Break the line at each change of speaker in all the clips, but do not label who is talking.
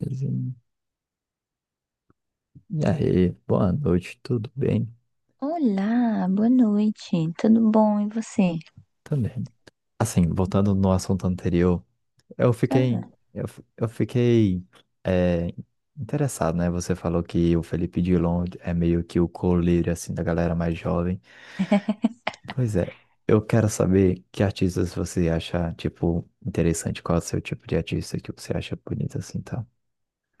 E aí, boa noite, tudo bem?
Olá, boa noite. Tudo bom? E você?
Também. Assim, voltando no assunto anterior, eu fiquei,
Ah,
eu fiquei é, interessado, né? Você falou que o Felipe Dilon é meio que o coleiro, assim, da galera mais jovem. Pois é, eu quero saber que artistas você acha, tipo, interessante, qual é o seu tipo de artista que você acha bonito, assim, tá?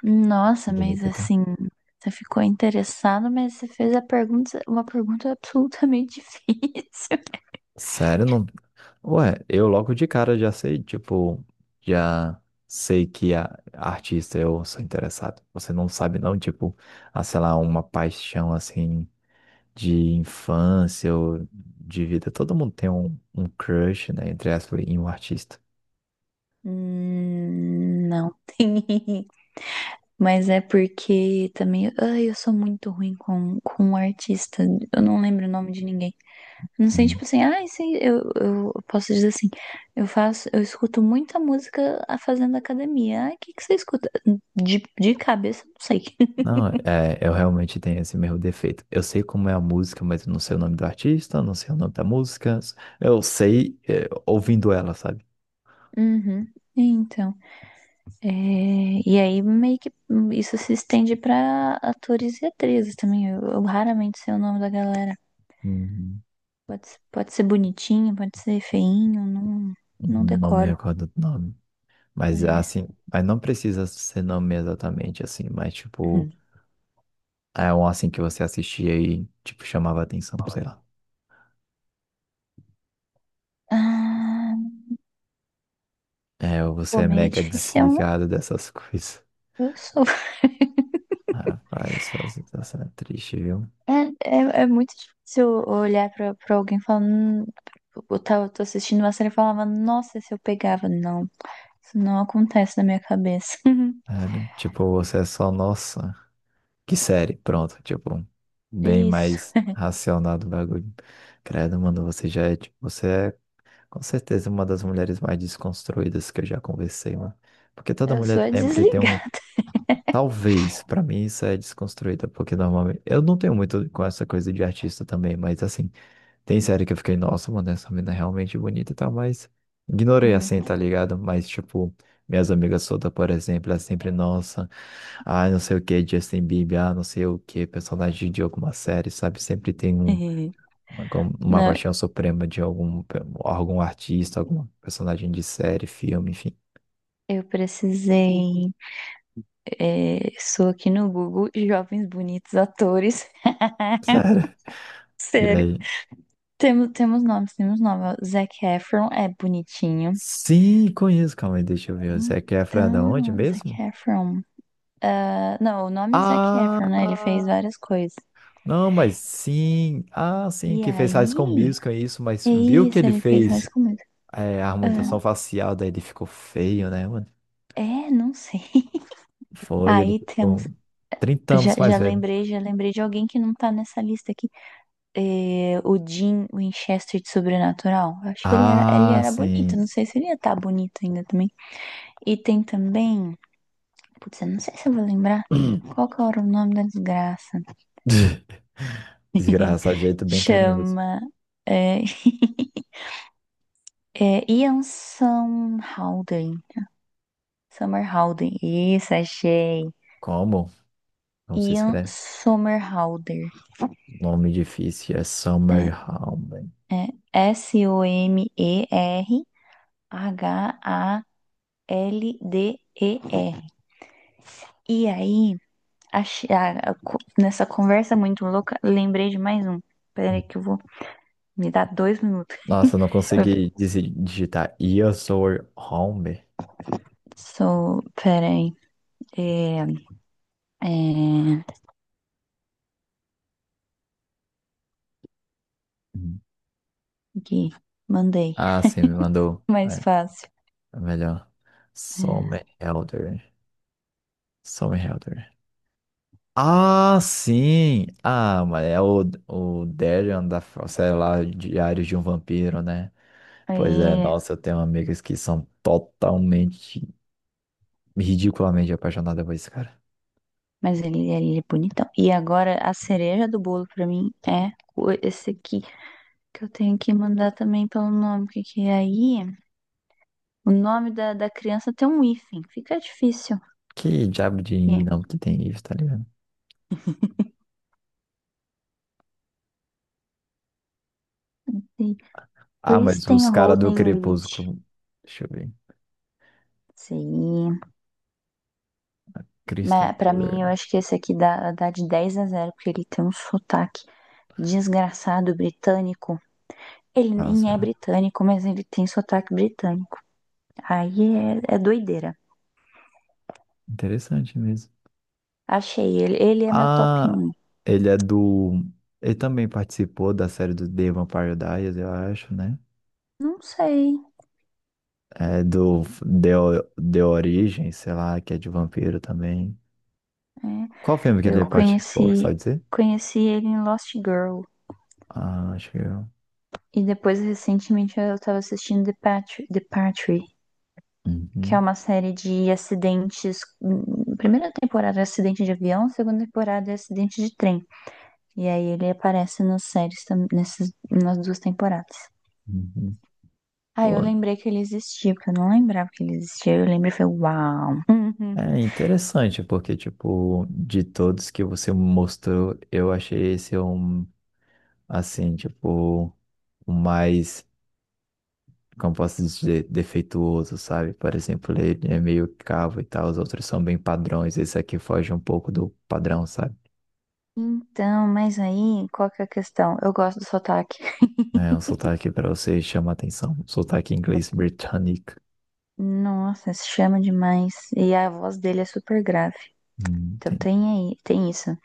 nossa, mas
Bonito e tal.
assim, você ficou interessado, mas você fez uma pergunta absolutamente difícil.
Sério, não. Ué, eu logo de cara já sei, tipo, já sei que a artista eu sou interessado. Você não sabe não, tipo, a sei lá, uma paixão assim de infância ou de vida. Todo mundo tem um crush, né, entre aspas, em um artista.
Não tem. Mas é porque também, ai, eu sou muito ruim com um artista. Eu não lembro o nome de ninguém. Não sei,
Hum.
tipo assim, ai, sei, eu posso dizer assim, eu faço, eu escuto muita música fazendo academia. Ah, o que que você escuta? De cabeça, não sei.
Não, é, eu realmente tenho esse mesmo defeito. Eu sei como é a música, mas eu não sei o nome do artista, não sei o nome da música. Eu sei, é, ouvindo ela, sabe?
Uhum. Então, é, e aí meio que isso se estende pra atores e atrizes também. Eu raramente sei o nome da galera.
Uhum.
Pode ser bonitinho, pode ser feinho, não, não
Não me
decoro.
recordo do nome. Mas
É.
assim, mas não precisa ser nome exatamente assim, mas tipo, é um assim que você assistia e tipo chamava atenção, sei lá.
Ah,
É, ou você
pô,
é
meio
mega
difícil, né?
desligado dessas coisas.
Eu sou.
Rapaz, essa situação é triste, viu?
É muito difícil olhar pra alguém falando "hum". Tô assistindo uma série e falava, nossa, se eu pegava. Não, isso não acontece na minha cabeça.
É, né? Tipo, você é só, nossa, que série, pronto, tipo, bem
Isso,
mais racional do bagulho. Credo, mano, você já é, tipo, você é com certeza uma das mulheres mais desconstruídas que eu já conversei, mano. Porque toda
eu
mulher
sou a
sempre tem um.
desligar.
Talvez, pra mim isso é desconstruída, porque normalmente. Eu não tenho muito com essa coisa de artista também, mas assim, tem série que eu fiquei, nossa, mano, essa mina é realmente bonita e tal, mas ignorei assim, tá ligado? Mas, tipo, minhas amigas Soda, por exemplo, elas sempre, nossa, ah, não sei o que, Justin Bieber, ah, não sei o que, personagem de alguma série, sabe? Sempre tem uma, uma
Não,
paixão suprema de algum, algum artista, algum personagem de série, filme, enfim.
eu precisei. Sou aqui no Google, jovens bonitos atores.
Sério. E
Sério.
aí?
Temos, temos nomes, temos nomes. Zac Efron é bonitinho.
Sim, conheço. Calma aí, deixa eu ver. O Zac Efron é da onde
Então,
mesmo?
Zac Efron. Ah, não, o nome é Zac Efron, né? Ele fez
Ah,
várias coisas.
não, mas sim. Ah,
E
sim, que fez High School
aí?
Musical, é isso. Mas
É
viu que
isso,
ele
ele fez mais
fez
comédia.
é, a harmonização
Ah,
facial, daí ele ficou feio, né, mano?
é, não sei.
Foi, ele
Aí temos.
ficou 30
Já,
anos
já
mais velho.
lembrei, já lembrei de alguém que não tá nessa lista aqui. É, o Jim Winchester de Sobrenatural. Eu acho que ele
Ah,
era bonito.
sim.
Não sei se ele ia estar bonito ainda também. E tem também. Putz, eu não sei se eu vou lembrar. Qual que era o nome da desgraça?
Desgraça, jeito bem carinhoso.
Chama. É, é Ian Somerhalder. Summerhalder. Isso, achei.
Como? Não se
Ian
escreve.
Somerhalder.
Nome difícil é
É,
Summer Home.
é Somerhalder. ERHALDER. E aí, nessa conversa muito louca, lembrei de mais um. Peraí que eu vou... Me dá 2 minutos.
Nossa, eu não
Eu
consegui digitar. Your soul home?
sou... Peraí. É, é,
Hum.
aqui. Mandei.
Ah, sim, me mandou.
Mais
É,
fácil.
é melhor. Some Helder. Some Helder. Ah, sim! Ah, mas é o Darion da, sei lá, Diários de um Vampiro, né? Pois é,
É.
nossa, eu tenho amigas que são totalmente, ridiculamente apaixonadas por esse cara.
Mas ele é bonitão. E agora a cereja do bolo pra mim é o- esse aqui, que eu tenho que mandar também pelo nome, porque que é aí o nome da, da criança tem um hífen, fica difícil.
Que diabo de
É.
não que tem isso, tá ligado?
Tem
Ah, mas
Kristen
os caras do
Holden Reed.
Crepúsculo. Deixa eu ver.
Sim.
Kristen
Mas pra mim eu
Cole.
acho que esse aqui dá de 10 a 0 porque ele tem um sotaque desgraçado britânico. Ele nem é
Nossa,
britânico, mas ele tem sotaque britânico. Aí é doideira.
interessante mesmo.
Achei ele. Ele é meu top
Ah,
um.
ele é do. Ele também participou da série do The Vampire Diaries, eu acho, né?
Não sei.
É do The, O- The Origem, sei lá, que é de vampiro também.
Né?
Qual filme que
Eu
ele participou, tu
conheci,
sabe dizer?
conheci ele em Lost Girl.
Ah, acho que eu.
E depois, recentemente, eu tava assistindo The Patri, que é
Uhum,
uma série de acidentes. Hum, primeira temporada é acidente de avião, segunda temporada é acidente de trem. E aí ele aparece nas séries, nas 2 temporadas.
uhum.
Ah,
Pô,
eu lembrei que ele existia, porque eu não lembrava que ele existia. Eu lembrei e falei, uau!
é interessante, porque, tipo, de todos que você mostrou, eu achei esse um, assim, tipo, o mais. Como posso dizer, defeituoso, sabe? Por exemplo, ele é meio cavo e tal, os outros são bem padrões, esse aqui foge um pouco do padrão, sabe?
Uhum. Então, mas aí, qual que é a questão? Eu gosto do sotaque.
É um sotaque para você chama atenção, um sotaque inglês britânico.
Nossa, se chama demais. E a voz dele é super grave. Então
Entendi.
tem aí, tem isso.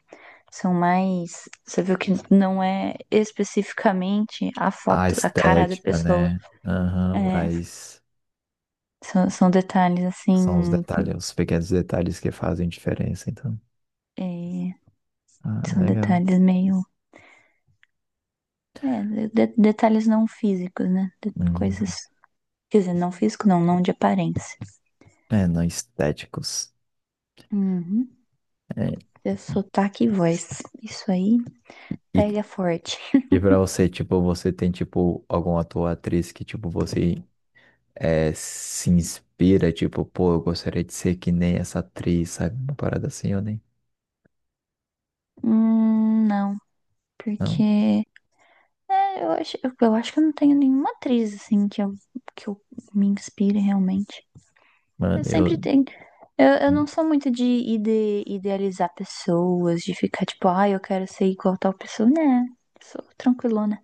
São mais. Você viu que não é especificamente a
A
foto, a cara da
estética,
pessoa.
né? Aham,
É,
mas
são detalhes
são os
assim.
detalhes, os pequenos detalhes que fazem diferença, então.
É,
Ah,
são
legal.
detalhes meio. Detalhes não físicos, né? De coisas.
Uhum.
Quer dizer, não físico, não de aparência.
É, não estéticos.
Uhum.
É,
É sotaque e voz. Isso aí
E,
pega forte.
e pra você, tipo, você tem, tipo, algum ator ou atriz que, tipo, você é, se inspira, tipo, pô, eu gostaria de ser que nem essa atriz, sabe? Uma parada assim, eu nem.
Não,
Não,
porque. É, eu acho que eu não tenho nenhuma atriz, assim, que eu me inspire realmente. Eu
mano,
sempre
eu.
tenho. Eu não sou muito idealizar pessoas, de ficar tipo, ah, eu quero ser igual a tal pessoa. Né, sou tranquilona.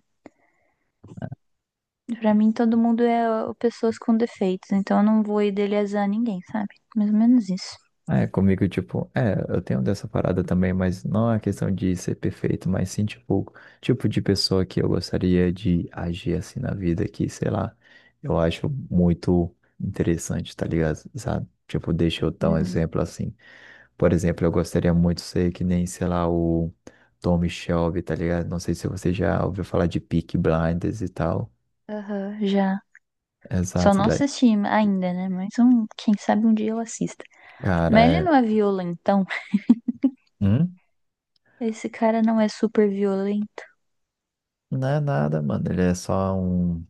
Pra mim, todo mundo é ó, pessoas com defeitos, então eu não vou idealizar ninguém, sabe? Mais ou menos isso.
É, comigo, tipo, é, eu tenho dessa parada também, mas não é questão de ser perfeito, mas sim, tipo, tipo de pessoa que eu gostaria de agir assim na vida, que, sei lá, eu acho muito interessante, tá ligado? Sabe? Tipo, deixa eu dar um
Uhum.
exemplo assim. Por exemplo, eu gostaria muito de ser que nem, sei lá, o Tom Shelby, tá ligado? Não sei se você já ouviu falar de Peaky Blinders e tal.
Aham, já. Só
Exato,
não
daí.
assisti ainda, né? Mas um, quem sabe um dia eu assista.
Cara,
Mas ele
é...
não é violentão.
Hum?
Esse cara não é super violento.
Não é nada, mano. Ele é só um,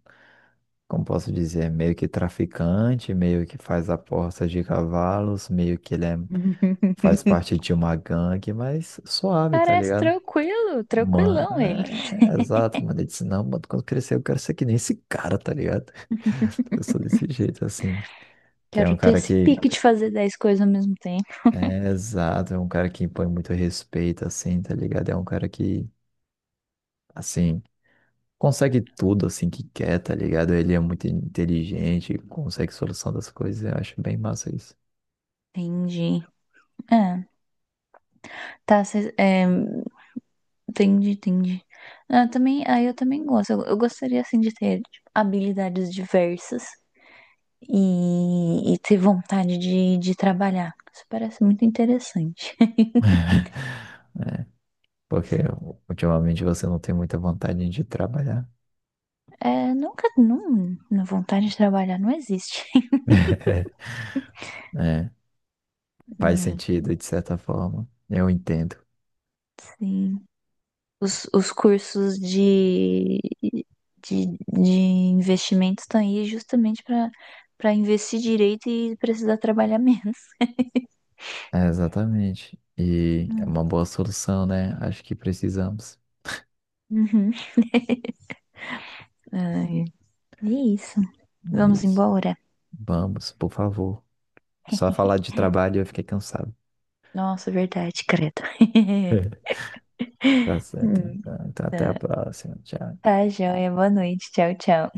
como posso dizer, meio que traficante, meio que faz apostas de cavalos, meio que ele é... faz parte de uma gangue, mas suave, tá
Parece
ligado?
tranquilo,
Mano,
tranquilão ele.
é, é, exato, mano. Ele disse, não, mano, quando crescer eu quero ser que nem esse cara, tá ligado? Eu sou desse jeito, assim. Que é
Quero
um
ter
cara
esse
que.
pique de fazer 10 coisas ao mesmo tempo.
É, exato, é um cara que impõe muito respeito, assim, tá ligado? É um cara que, assim, consegue tudo, assim, que quer, tá ligado? Ele é muito inteligente, consegue solução das coisas, eu acho bem massa isso.
Entendi. É, tá, cês- é, entendi, entendi. Ah, também, aí eu também gosto. Eu gostaria, assim, de ter tipo, habilidades diversas e ter vontade de trabalhar. Isso parece muito interessante.
Porque ultimamente você não tem muita vontade de trabalhar.
É, nunca, não, vontade de trabalhar não existe.
É, faz
É,
sentido, de certa forma, eu entendo.
sim. Os cursos de, de investimentos estão aí justamente para investir direito e precisar trabalhar menos.
É, exatamente. E é
Hum.
uma boa solução, né? Acho que precisamos.
Uhum. Ai, é isso.
É
Vamos
isso.
embora.
Vamos, por favor. Só falar de trabalho eu fiquei cansado.
Nossa, verdade, credo.
Tá certo,
Hum,
então. Então, até a
tá,
próxima. Tchau.
tá, joia. Boa noite. Tchau, tchau.